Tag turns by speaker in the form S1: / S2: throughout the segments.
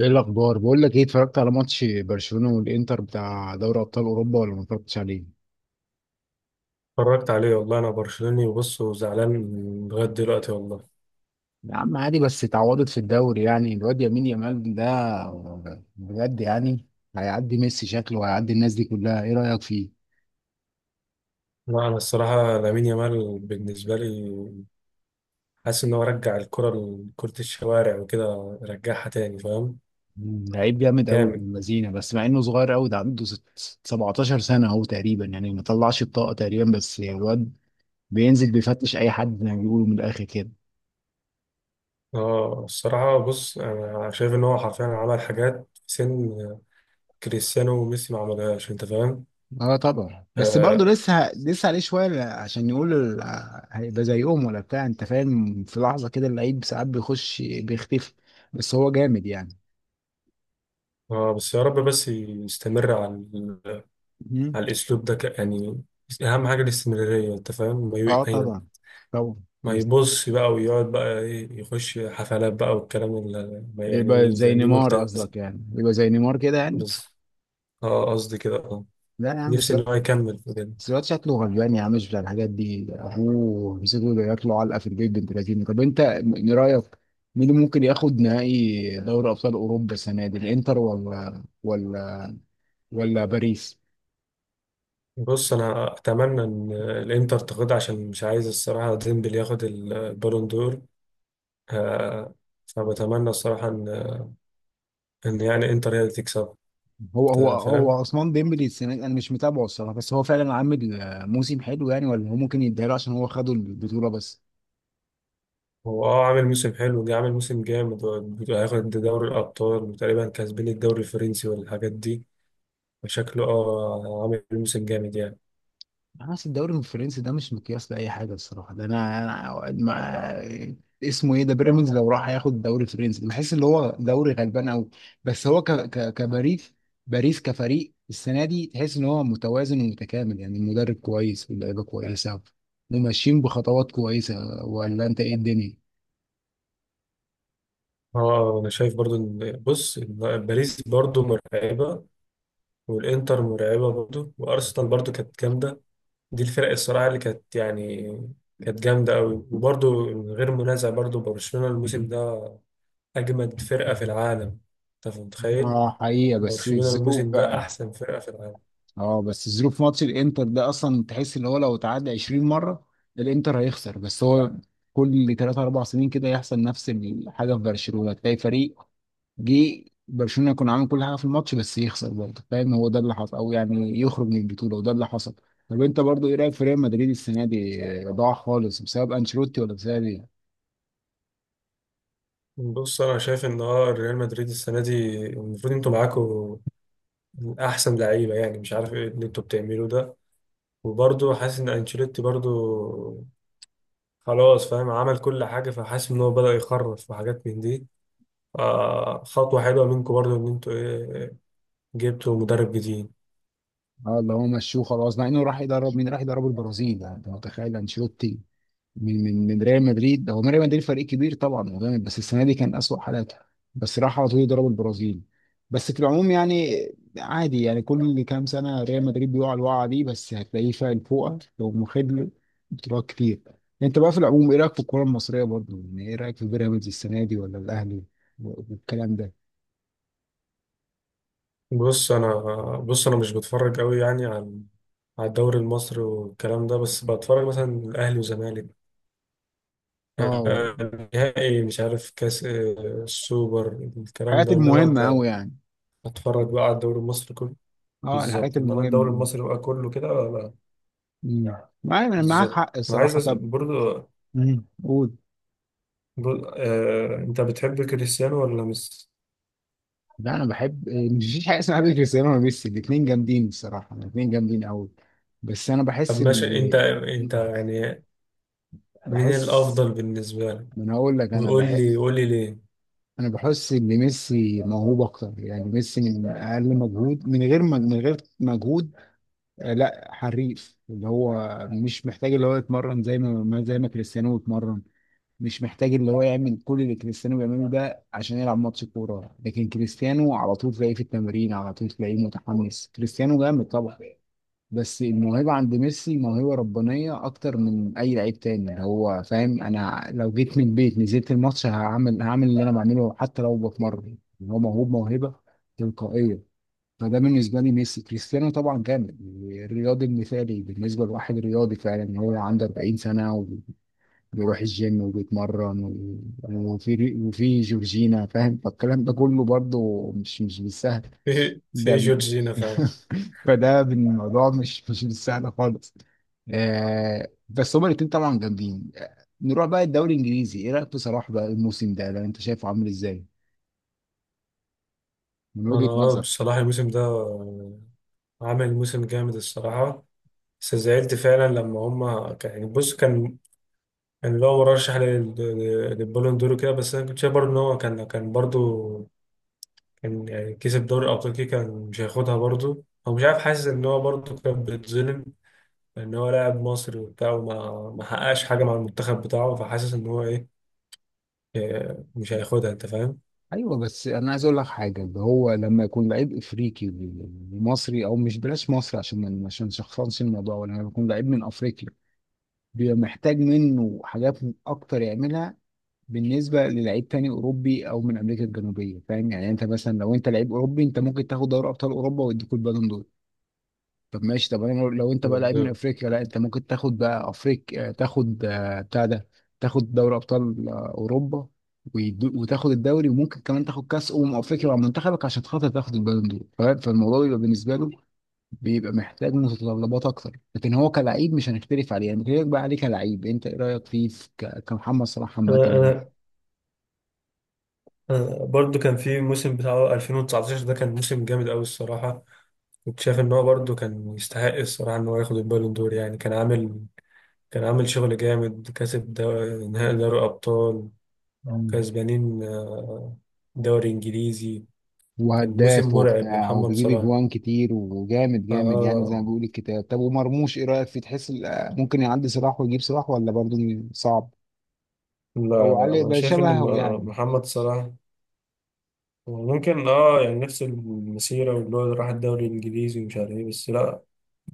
S1: ايه الاخبار؟ بقول لك، ايه اتفرجت على ماتش برشلونه والانتر بتاع دوري ابطال اوروبا ولا ما اتفرجتش عليه؟
S2: اتفرجت عليه والله. انا برشلوني، وبص، وزعلان لغايه دلوقتي والله.
S1: يا عم عادي، بس اتعوضت في الدوري. يعني الواد يمين يامال ده بجد يعني هيعدي ميسي شكله، وهيعدي الناس دي كلها. ايه رايك فيه؟
S2: لا، انا الصراحه لامين يامال بالنسبه لي، حاسس ان هو رجع الكره لكره الشوارع وكده، رجعها تاني، فاهم؟
S1: لعيب جامد قوي من
S2: جامد.
S1: المزينه، بس مع انه صغير قوي، ده عنده 17 سنه اهو تقريبا. يعني ما طلعش الطاقه تقريبا، بس الواد بينزل بيفتش اي حد زي ما بيقولوا من الاخر كده.
S2: اه الصراحه بص، انا شايف ان هو حرفيا عمل حاجات في سن كريستيانو وميسي ما عملهاش، انت فاهم؟
S1: اه طبعا، بس برضه
S2: آه,
S1: لسه عليه شويه عشان يقول هيبقى زيهم ولا بتاع، انت فاهم؟ في لحظه كده اللعيب ساعات بيخش بيختفي، بس هو جامد يعني.
S2: اه بس يا رب بس يستمر على
S1: مم.
S2: على الاسلوب ده يعني اهم حاجه الاستمراريه، انت فاهم؟ ما ي-
S1: اه
S2: يعني
S1: طبعا، طبعا.
S2: ما يبص بقى ويقعد بقى إيه، يخش حفلات بقى والكلام اللي ما يعني
S1: يبقى زي
S2: يزنيه،
S1: نيمار
S2: ملتزم
S1: قصدك؟ يعني يبقى زي نيمار كده يعني.
S2: بس. اه قصدي كده، اه.
S1: لا يا عم،
S2: نفسي ان هو يكمل في كده.
S1: بس الواد شكله غلبان يا عم، مش بتاع الحاجات دي. ابوه مسكه ياكله علقه في البيت، بنت لذينه. طب انت من رايك مين اللي ممكن ياخد نهائي دوري ابطال اوروبا السنه دي؟ الانتر ولا باريس؟
S2: بص انا اتمنى ان الانتر تاخدها، عشان مش عايز الصراحه ديمبلي ياخد البالون دور. آه، فبتمنى الصراحه ان يعني انتر هي اللي تكسب.
S1: هو هو
S2: أنت
S1: هو
S2: فاهم؟
S1: عثمان ديمبلي السنه دي، انا مش متابعه الصراحه، بس هو فعلا عامل موسم حلو يعني، ولا هو ممكن يديها له عشان هو خدوا البطوله بس؟
S2: هو اه عامل موسم حلو، جه عامل موسم جامد. هياخد دوري الابطال، وتقريبا كسبين الدوري الفرنسي والحاجات دي، فشكله اه عامل موسم جامد يعني.
S1: بس الدوري الفرنسي ده مش مقياس لاي حاجه الصراحه. ده انا ما اسمه ايه، ده بيراميدز لو راح ياخد الدوري الفرنسي بحس اللي هو دوري غلبان قوي. بس هو ك ك كباريس باريس كفريق السنه دي تحس ان هو متوازن ومتكامل يعني، المدرب كويس، واللعيبه كويسه، وماشيين بخطوات كويسه. ولا انت ايه الدنيا؟
S2: اه انا شايف برضو ان بص، إن باريس برضو مرعبه، والانتر مرعبه برضو، وارسنال برضو كانت جامده. دي الفرق الصراحه اللي كانت يعني كانت جامده قوي. وبرضو من غير منازع، برضو برشلونه الموسم ده اجمد فرقه في العالم. انت متخيل؟
S1: اه حقيقة، بس
S2: برشلونه
S1: الظروف
S2: الموسم ده
S1: بقى.
S2: احسن فرقه في العالم.
S1: اه بس ظروف ماتش الانتر ده اصلا، تحس اللي هو لو اتعدى 20 مره الانتر هيخسر، بس هو كل 3 4 سنين كده يحصل نفس الحاجه في برشلونه. تلاقي فريق جه برشلونه يكون عامل كل حاجه في الماتش بس يخسر برضه، فاهم؟ هو ده اللي حصل، او يعني يخرج من البطوله وده اللي حصل. طب انت برضه ايه رايك في ريال مدريد السنه دي؟ ضاع خالص بسبب انشيلوتي ولا بسبب ايه؟
S2: بص انا شايف ان اه ريال مدريد السنه دي المفروض انتوا معاكوا احسن لعيبه، يعني مش عارف ايه اللي انتوا بتعملوه ده. وبرضه حاسس ان انشيلوتي برضه خلاص، فاهم؟ عمل كل حاجة، فحاسس إن هو بدأ يخرف وحاجات من دي. آه خطوة حلوة منكم برضو إن أنتوا إيه، جبتوا مدرب جديد.
S1: اه، اللي هو مشوه خلاص. مع انه راح يدرب مين؟ راح يدرب البرازيل. يعني انت متخيل انشيلوتي من ريال مدريد؟ هو ريال مدريد فريق كبير طبعا، هو جامد، بس السنه دي كان أسوأ حالاته. بس راح على طول ضرب البرازيل. بس في العموم يعني عادي، يعني كل كام سنه ريال مدريد بيقع الوقعه دي، بس هتلاقيه فايق فوقه، لو مخد له بطولات كتير. انت بقى في العموم ايه رايك في الكوره المصريه برضه؟ يعني ايه رايك في بيراميدز السنه دي ولا الاهلي والكلام ده؟
S2: بص أنا، بص أنا مش بتفرج أوي يعني على على الدوري المصري والكلام ده، بس بتفرج مثلا الأهلي والزمالك،
S1: اه
S2: آه، نهائي مش عارف كاس، السوبر، الكلام
S1: الحاجات
S2: ده. إنما
S1: المهمه قوي يعني.
S2: أتفرج بقى على الدوري المصري كله.
S1: اه الحاجات
S2: بالظبط، إنما الدوري
S1: المهمه.
S2: المصري بقى كله كده، لا.
S1: مم. معايا، انا معاك
S2: بالظبط.
S1: حق
S2: أنا عايز
S1: الصراحه.
S2: أسأل
S1: طب
S2: برضو،
S1: مم. قول.
S2: انت بتحب كريستيانو ولا ميسي؟
S1: لا، انا بحب مفيش حاجه اسمها بحب كريستيانو وميسي، الاثنين جامدين الصراحه، الاثنين جامدين قوي. بس انا
S2: طب
S1: بحس ان
S2: ماشي، انت يعني مين
S1: بحس
S2: الافضل بالنسبه لك؟
S1: ما انا اقول لك، انا
S2: وقول
S1: بحب،
S2: لي، قول لي ليه.
S1: انا بحس ان ميسي موهوب اكتر يعني. ميسي من اقل مجهود، من غير من غير مجهود، لا حريف. اللي هو مش محتاج اللي هو يتمرن زي ما زي ما كريستيانو بيتمرن. مش محتاج اللي هو يعمل كل اللي كريستيانو بيعمله ده عشان يلعب ماتش كورة. لكن كريستيانو على طول تلاقيه في التمرين، على طول تلاقيه متحمس. كريستيانو جامد طبعا، بس الموهبة عند ميسي موهبة ربانية أكتر من أي لعيب تاني، اللي هو فاهم أنا لو جيت من البيت نزلت الماتش هعمل اللي أنا بعمله حتى لو بتمرن. يعني هو موهوب موهبة تلقائية. فده بالنسبة لي ميسي. كريستيانو طبعا جامد، الرياضي المثالي بالنسبة لواحد رياضي فعلا، إن هو عنده 40 سنة بيروح الجيم وبيتمرن وفي جورجينا، فاهم؟ فالكلام ده كله برضه مش بالسهل.
S2: في
S1: ده ب...
S2: جورجينا فعلا.
S1: فده الموضوع مش بالسهل خالص. آه بس هما الاتنين طبعا جامدين. نروح بقى الدوري الانجليزي. ايه رايك في صلاح بقى الموسم ده، لو انت شايفه عامل ازاي من
S2: انا
S1: وجهة
S2: اه
S1: نظر؟
S2: بصراحه الموسم ده عمل موسم جامد الصراحه. بس زعلت فعلا لما هما كان يعني بص كان، كان اللي هو مرشح للبالون دور كده. بس انا كنت شايف برضه ان هو كان، كان برضه كان يعني كسب دوري الابطال كده، كان مش هياخدها برضه، هو مش عارف. حاسس ان هو برضه كان بيتظلم، ان هو لاعب مصري وبتاع، وما ما حققش حاجه مع المنتخب بتاعه. فحاسس ان هو ايه، إيه، مش هياخدها، انت فاهم؟
S1: ايوه، بس انا عايز اقول لك حاجه. اللي هو لما يكون لعيب افريقي ومصري، او مش بلاش مصري عشان ما عشان شخصنش الموضوع، ولا لما يكون لعيب من افريقيا، بيبقى محتاج منه حاجات اكتر يعملها بالنسبه للعيب تاني اوروبي او من امريكا الجنوبيه، فاهم يعني؟ انت مثلا لو انت لعيب اوروبي، انت ممكن تاخد دوري ابطال اوروبا ويديك البالون دور. طب ماشي، طب انا لو، لو انت بقى لعيب من
S2: بالظبط.
S1: افريقيا، لا، انت ممكن تاخد بقى افريقيا، تاخد بتاع ده، تاخد دوري ابطال اوروبا، وتاخد الدوري، وممكن كمان تاخد كاس افريقيا مع منتخبك عشان خاطر تاخد البالون دور، فاهم؟ فالموضوع بيبقى بالنسبه له بيبقى محتاج متطلبات اكتر. لكن هو كلعيب مش هنختلف عليه يعني. بكلمك بقى عليه كلعيب، انت ايه رايك فيه في كمحمد صلاح عامه
S2: انا
S1: يعني؟
S2: انا أنا برضو كان في موسم بتاعه 2019 ده، كان موسم جامد قوي الصراحه. كنت شايف ان هو برضو كان يستحق الصراحه ان هو ياخد البالون دور، يعني كان عامل، كان عامل شغل جامد. نهائي دوري ابطال،
S1: مم.
S2: كسبانين دوري انجليزي. كان موسم
S1: وهداف
S2: مرعب
S1: وبتاع
S2: لمحمد
S1: وبيجيب
S2: صلاح.
S1: اجوان كتير وجامد جامد يعني، زي
S2: اه.
S1: ما بيقول الكتاب. طب ومرموش ايه رايك فيه؟ تحس ممكن يعدي صلاح ويجيب صلاح، ولا برضه صعب،
S2: لا،
S1: او
S2: لا
S1: علي
S2: انا
S1: بقى
S2: شايف ان
S1: شبهه يعني؟
S2: محمد صلاح ممكن اه يعني نفس المسيرة، واللي هو راح الدوري الإنجليزي ومش عارف ايه، بس لا،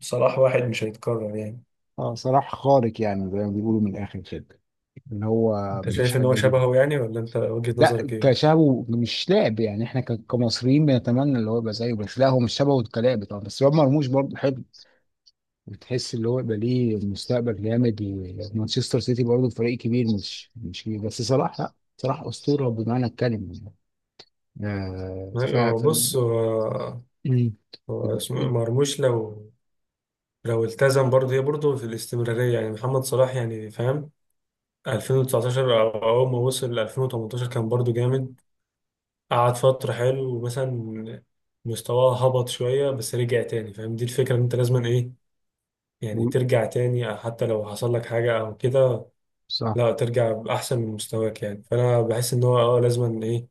S2: صلاح واحد مش هيتكرر يعني.
S1: اه صلاح خارق يعني، زي ما بيقولوا من الاخر كده، اللي هو
S2: انت
S1: مفيش
S2: شايف ان
S1: حد.
S2: هو شبهه يعني؟ ولا انت وجهة
S1: لا،
S2: نظرك ايه؟
S1: كشبه مش لاعب يعني، احنا كمصريين بنتمنى اللي هو يبقى زيه، بس لا، هو مش شبهه كلاعب طبعا. بس رياض مرموش برضه حلو وتحس اللي هو يبقى ليه مستقبل جامد، ومانشستر سيتي برضه فريق كبير، مش كبير، بس صلاح، لا، صلاح اسطوره بمعنى الكلمه يعني. آه ف
S2: أيوة،
S1: ف-
S2: بص هو،
S1: مم.
S2: هو اسمه إيه، مرموش لو، لو التزم برضه، هي برضه في الاستمرارية يعني. محمد صلاح يعني فاهم، 2019 أو أول ما وصل 2018 كان برضه جامد، قعد فترة حلو، ومثلا مستواه هبط شوية بس رجع تاني، فاهم؟ دي الفكرة، إن أنت لازم إيه يعني
S1: و-
S2: ترجع تاني حتى لو حصل لك حاجة أو كده.
S1: صح.
S2: لا، ترجع بأحسن من مستواك يعني. فأنا بحس إن هو أه لازم إيه،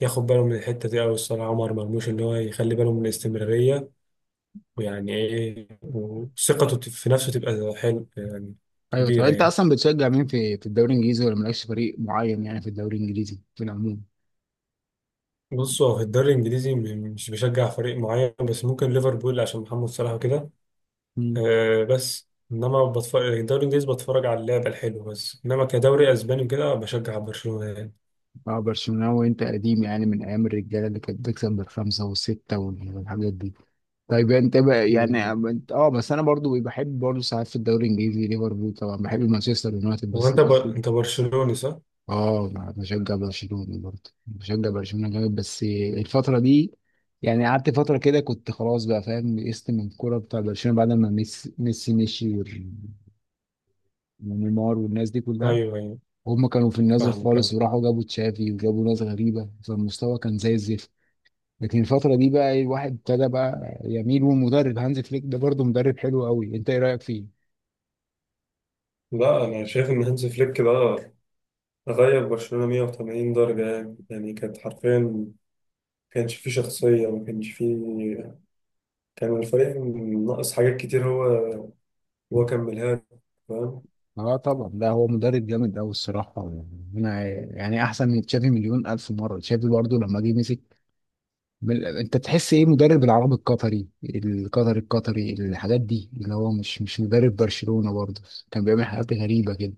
S2: ياخد باله من الحتة دي أوي الصراحة. عمر مرموش إن هو يخلي باله من الاستمرارية ويعني إيه، وثقته في نفسه تبقى حلو يعني.
S1: ايوه، طب
S2: كبيرة
S1: انت
S2: يعني.
S1: اصلا بتشجع مين في الدوري الانجليزي، ولا مالكش فريق معين يعني في الدوري الانجليزي في العموم؟
S2: بص هو في الدوري الإنجليزي مش بشجع فريق معين، بس ممكن ليفربول عشان محمد صلاح وكده. آه بس إنما بتفرج الدوري الإنجليزي، بتفرج على اللعب الحلو بس. إنما كدوري أسباني وكده بشجع برشلونة يعني.
S1: اه برشلونة. وانت قديم يعني من ايام الرجاله اللي كانت بتكسب بالخمسه والسته والحاجات دي. طيب انت بقى يعني، اه بس انا برضو بحب برضو ساعات في الدوري الانجليزي ليفربول، طبعا بحب مانشستر يونايتد
S2: هو
S1: بس
S2: أنت
S1: دلوقتي.
S2: أنت برشلوني صح؟
S1: اه بشجع برشلونه، برضو بشجع برشلونه جامد. بس الفتره دي يعني قعدت فتره كده كنت خلاص بقى، فاهم؟ يئست من الكوره بتاع برشلونه بعد ما ميسي مشي، ونيمار والناس دي كلها.
S2: أيوه أيوه.
S1: هم كانوا في النازل
S2: فاهمك
S1: خالص،
S2: أه.
S1: وراحوا جابوا تشافي وجابوا ناس غريبه، فالمستوى كان زي الزفت. لكن الفترة دي بقى الواحد ابتدى بقى يميل. والمدرب هانز فليك ده برضه مدرب حلو قوي، انت ايه رأيك فيه؟
S2: لا انا شايف ان هانز فليك ده غير برشلونة 180 درجة يعني. يعني كانت حرفيا ما كانش فيه شخصية، ما كانش فيه، كان الفريق ناقص حاجات كتير. هو، هو كملها له، فاهم؟
S1: اه طبعا، لا هو مدرب جامد قوي الصراحة يعني. انا يعني احسن من تشافي مليون الف مرة. تشافي برضه لما جه مسك انت تحس ايه، مدرب العرب القطري، الحاجات دي، اللي هو مش مش مدرب برشلونة برضه، كان بيعمل حاجات غريبة كده.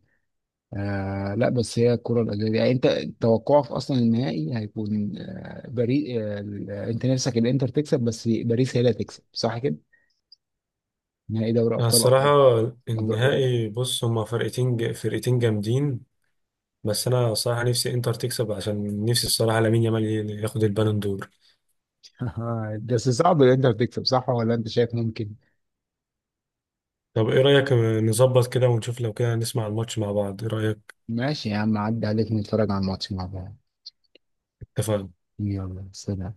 S1: آه لا، بس هي الكرة الأرضية يعني. أنت توقعك أصلا النهائي هيكون باريس، أنت نفسك الإنتر تكسب، بس باريس هي اللي هتكسب، صح كده؟ نهائي دوري
S2: أنا
S1: أبطال
S2: الصراحة
S1: أوروبا.
S2: النهائي، بص هما فرقتين فرقتين جامدين. بس أنا الصراحة نفسي إنتر تكسب عشان نفسي الصراحة لامين يامال ياخد البالون دور.
S1: بس صعب الإنتر تكسب، صح ولا أنت شايف ممكن؟
S2: طب إيه رأيك، نظبط كده ونشوف، لو كده نسمع الماتش مع بعض، إيه رأيك؟
S1: ماشي يا عم، عدي عليك نتفرج على الماتش مع بعض.
S2: اتفقنا.
S1: يلا سلام.